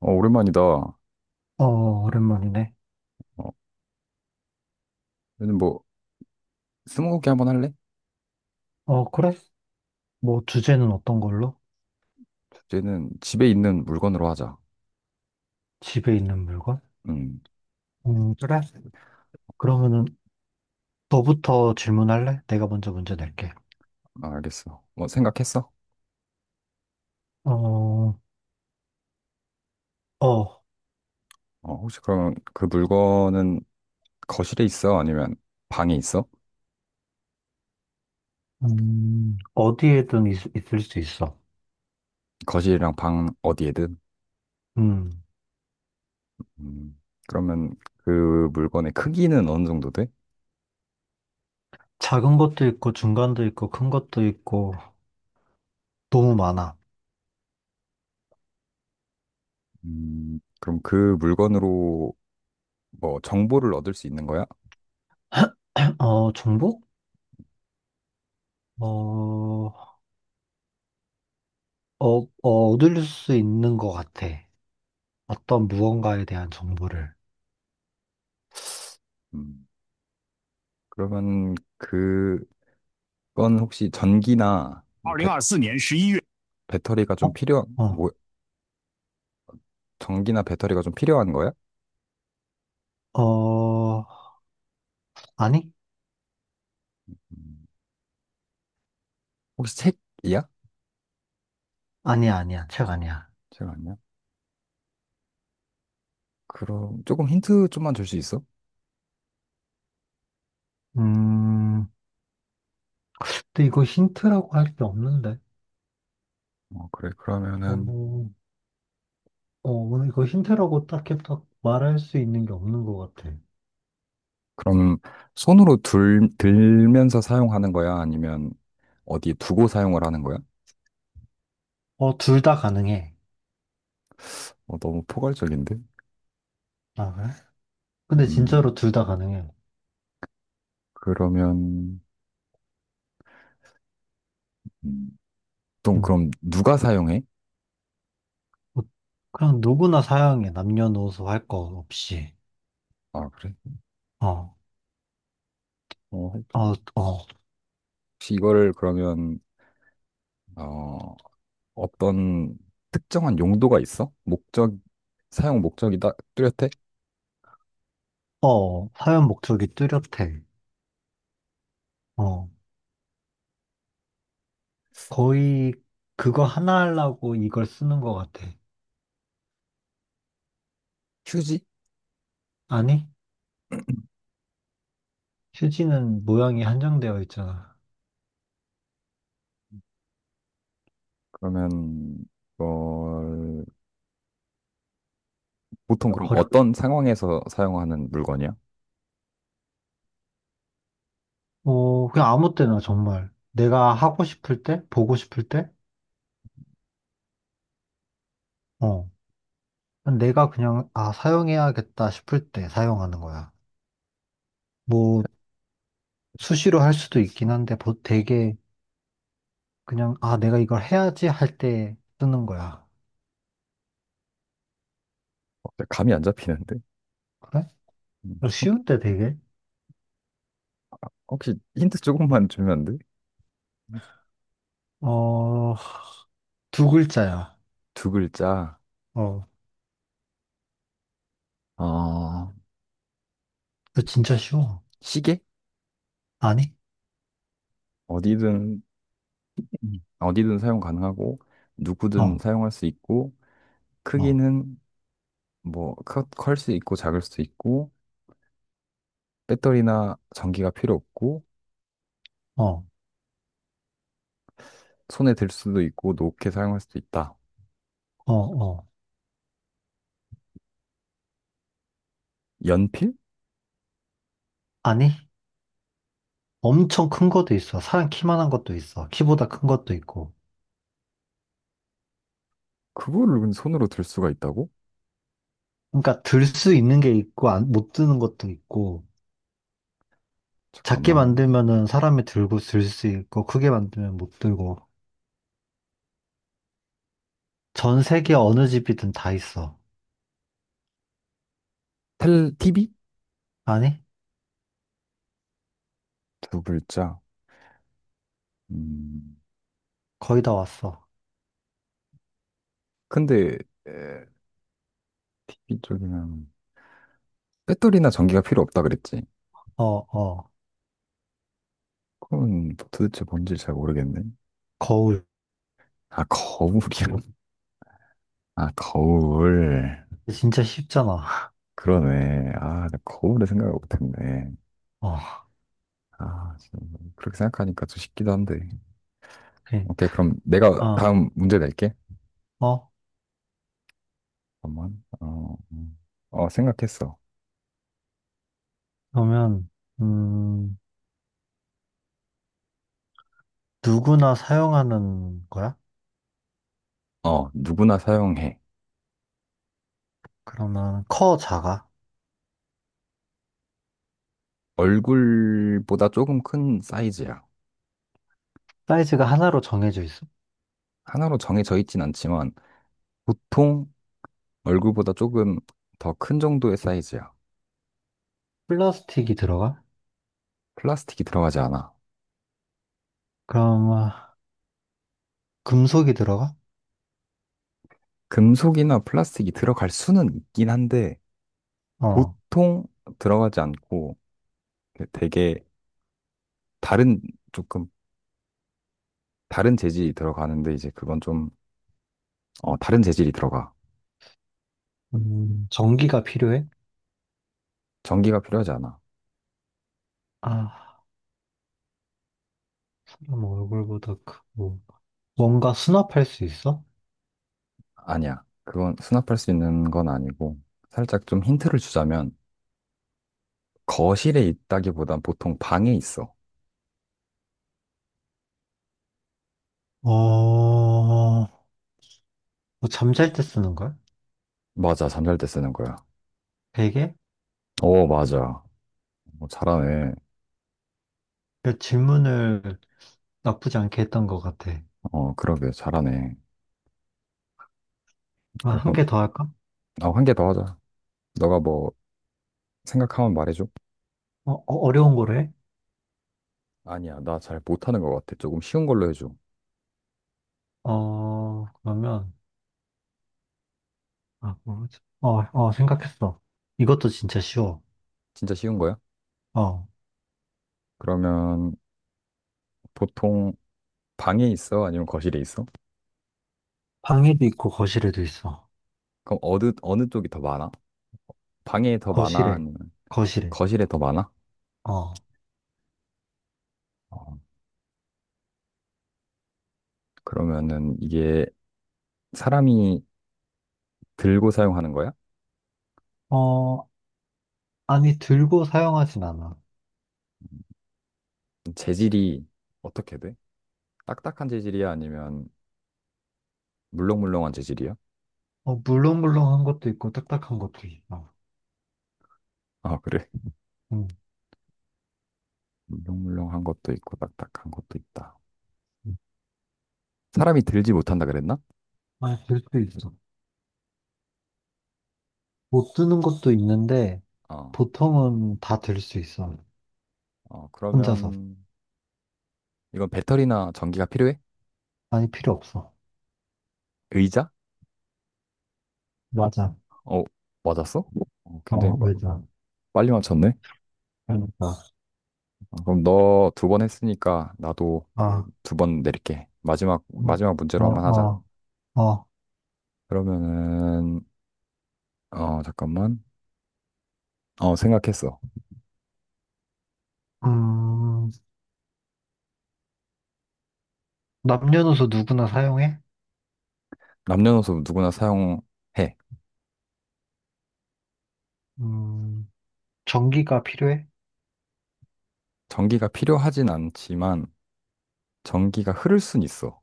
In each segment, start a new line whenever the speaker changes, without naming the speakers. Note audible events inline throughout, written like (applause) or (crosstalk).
오랜만이다.
어, 오랜만이네.
얘는 뭐, 스무고개 한번 할래?
그래? 뭐, 주제는 어떤 걸로?
주제는 집에 있는 물건으로 하자.
집에 있는 물건?
음,
그래?
어,
그러면은, 너부터 질문할래? 내가 먼저 문제 낼게.
아, 알겠어. 뭐, 생각했어?
어, 어,
혹시 그러면 그 물건은 거실에 있어? 아니면 방에 있어?
어디에든 을수 있어.
거실이랑 방 어디에든?
음,
음, 그러면 그 물건의 크기는 어느 정도 돼?
작은 것도 있고, 중간도 있고, 큰 것도 있고, 너무 많아.
그럼 그 물건으로 뭐, 정보를 얻을 수 있는 거야?
어, 정보? 어, 어, 얻을 수 있는 것 같아. 어떤 무언가에 대한 정보를.
음, 그러면 그건 혹시 전기나
二零二四年十一月，
배터리가
어?
좀 필요한,
어,
뭐, 전기나 배터리가 좀 필요한 거야?
어, 아니?
음, 혹시 책이야?
아니야, 아니야. 책 아니야.
책 아니야? 그럼 조금 힌트 좀만 줄 수 있어?
음, 근데 이거 힌트라고 할 게 없는데.
어, 그래. 그러면은
어, 오늘 이거 힌트라고 딱히 딱 말할 수 있는 게 없는 것 같아.
그럼 손으로 들면서 사용하는 거야? 아니면 어디 두고 사용을 하는 거야?
어, 둘 다 가능해.
어, 너무 포괄적인데?
아, 그래? 근데
음,
진짜로 둘 다 가능해.
그러면 음, 보통
음.
그럼 누가 사용해?
어, 그냥 누구나 사용해. 남녀노소 할 거 없이.
아, 그래?
어,
어,
어, 어,
혹시 이거를 그러면 어, 어떤 특정한 용도가 있어? 목적 사용 목적이 다 뚜렷해?
사용 목적이 뚜렷해. 어, 거의 그거 하나 하려고 이걸 쓰는 것 같아.
휴지?
아니? 휴지는 모양이 한정되어 있잖아.
그러면 이걸 보통 그럼
어렵,
어떤 상황에서 사용하는 물건이야?
어, 그냥 아무 때나 정말. 내가 하고 싶을 때, 보고 싶을 때, 어. 내가 그냥, 아, 사용해야겠다 싶을 때 사용하는 거야. 뭐, 수시로 할 수도 있긴 한데, 되게 그냥, 아, 내가 이걸 해야지 할 때 쓰는 거야.
어, 감이 안 잡히는데?
그래?
음.
쉬운데 되게?
혹시 힌트 조금만 주면 안 돼?
어, 두 글자야.
두 글자.
어,
어,
이 진짜 쉬워.
시계?
아니?
어디든 어디든 사용 가능하고 누구든
어,
사용할 수 있고
어,
크기는 뭐 클 수 있고 작을 수도 있고 배터리나 전기가 필요 없고
어,
손에 들 수도 있고 높게 사용할 수도 있다.
어.
연필?
아니? 엄청 큰 것도 있어. 사람 키만한 것도 있어. 키보다 큰 것도 있고.
그거를 근데 손으로 들 수가 있다고?
그러니까 들 수 있는 게 있고 안, 못 드는 것도 있고 작게
잠깐만.
만들면은 사람이 들고 들 수 있고 크게 만들면 못 들고 전 세계 어느 집이든 다 있어.
TV?
아니?
두 글자. 음.
거의 다 왔어.
근데 에, TV 쪽이면 배터리나 전기가 필요 없다 그랬지.
어, 어.
그건 뭐 도대체 뭔지 잘 모르겠네.
거울.
아, 거울이야. 아, 거울.
진짜 쉽잖아.
그러네. 아, 나 거울을 생각을 못했네.
(laughs) 어.
아, 진짜 뭐 그렇게 생각하니까 좀 쉽기도 한데.
그,
오케이, 그럼 내가
어,
다음 문제 낼게.
어.
잠깐만. 어, 어, 생각했어.
그러면 음, 누구나 사용하는 거야?
어, 누구나 사용해.
그러면 커 작아?
얼굴보다 조금 큰 사이즈야.
사이즈가 하나로 정해져 있어?
하나로 정해져 있진 않지만 보통 얼굴보다 조금 더 큰 정도의 사이즈야.
플라스틱이 들어가?
플라스틱이 들어가지 않아.
그럼 아, 금속이 들어가?
금속이나 플라스틱이 들어갈 수는 있긴 한데,
어.
보통 들어가지 않고 되게 다른, 조금 다른 재질이 들어가는데, 이제 그건 좀, 어, 다른 재질이 들어가.
전기가 필요해?
전기가 필요하지 않아.
아, 사람 얼굴보다 크고. 뭔가 수납할 수 있어?
아니야. 그건 수납할 수 있는 건 아니고, 살짝 좀 힌트를 주자면, 거실에 있다기보단 보통 방에 있어.
어, 뭐 잠잘 때 쓰는 걸?
맞아, 잠잘 때 쓰는 거야.
베개?
오, 맞아. 어, 잘하네.
그 질문을 나쁘지 않게 했던 것 같아.
어, 그러게, 잘하네.
아, 한
그럼,
개 더 할까?
나 한 개 더 하자. 너가 뭐, 생각하면 말해줘.
어려운 거래?
아니야, 나 잘 못하는 것 같아. 조금 쉬운 걸로 해줘.
어, 그러면, 아, 뭐지? 생각했어. 이것도 진짜 쉬워.
진짜 쉬운 거야?
어,
그러면, 보통, 방에 있어? 아니면 거실에 있어?
방에도 있고 거실에도 있어. 음.
그럼 어느 쪽이 더 많아? 방에 더 많아?
거실에,
아니면
거실에.
거실에 더 많아?
어,
어, 그러면은, 이게, 사람이 들고 사용하는 거야?
어, 아니, 들고 사용하진 않아.
재질이 어떻게 돼? 딱딱한 재질이야? 아니면, 물렁물렁한 재질이야?
어, 물렁물렁한 것도 있고 딱딱한 것도 있어.
아, 그래. (laughs)
응.
물렁물렁한 것도 있고, 딱딱한 것도 있다. 사람이 들지 못한다 그랬나?
아, 들 수 있어. 못 드는 것도 있는데
어,
보통은 다 들 수 있어.
어,
혼자서.
그러면 이건 배터리나 전기가 필요해?
많이 필요 없어.
의자?
맞아.
어, 맞았어? 어,
어, 맞아.
빨리 맞췄네.
그러니까.
어, 그럼 너 두 번 했으니까 나도
아,
두 번 내릴게. 마지막
음.
마지막
어,
문제로 한번 하자.
어, 어.
그러면은 어, 잠깐만. 어, 생각했어.
음, 남녀노소 누구나 사용해?
남녀노소 누구나 사용해.
음, 전기가 필요해?
전기가 필요하진 않지만 전기가 흐를 순 있어.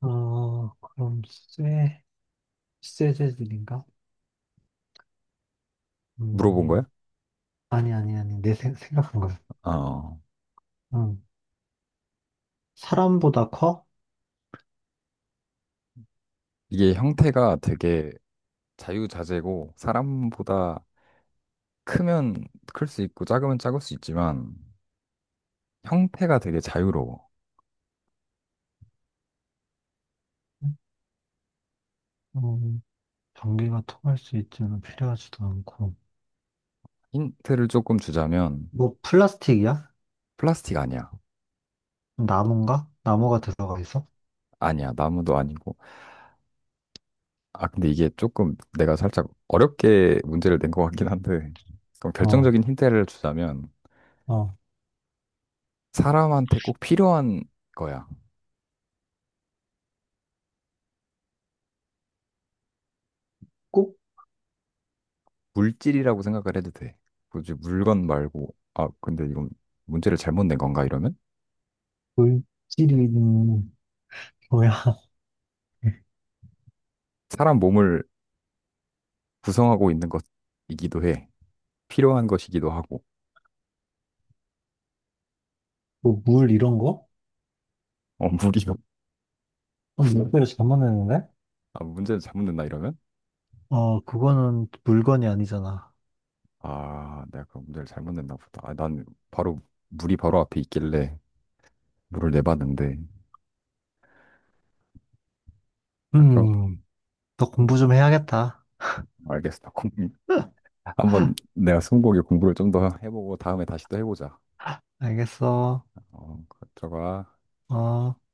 어, 그럼 쇠, 쇠재질인가?
물어본 거야?
음, 아니, 아니, 아니. 내 각한 거야.
어,
음, 사람보다 커?
이게 형태가 되게 자유자재고 사람보다 크면 클 수 있고 작으면 작을 수 있지만 형태가 되게 자유로워.
음, 전기가 통할 수 있지는 필요하지도 않고.
힌트를 조금 주자면
뭐 플라스틱이야?
플라스틱 아니야.
나무인가? 나무가 들어가 있어?
아니야. 나무도 아니고. 아, 근데 이게 조금 내가 살짝 어렵게 문제를 낸 것 같긴 한데 그럼
어,
결정적인 힌트를 주자면
어.
사람한테 꼭 필요한 거야.
꼭
물질이라고 생각을 해도 돼. 굳이 물건 말고 아, 근데 이건 문제를 잘못 낸 건가 이러면
물질이는 뭐야? (laughs)
사람 몸을 구성하고 있는 것이기도 해. 필요한 것이기도 하고.
뭐 물 이런 거?
어, 물이요.
어, 물배를 잘못 했는데
아, 문제를 잘못 냈나 이러면?
어, 그거는 물건이 아니잖아.
아, 내가 그 문제를 잘못 냈나 보다. 아, 난 바로 물이 바로 앞에 있길래 물을 내봤는데. 아, 그럼
음, 너
음,
공부 좀 해야겠다.
알겠어. 공- (laughs) 한번 내가 스무고개 공부를 좀 더 해보고 다음에 다시 또 해보자.
알겠어.
어, 그거 들어가.
어.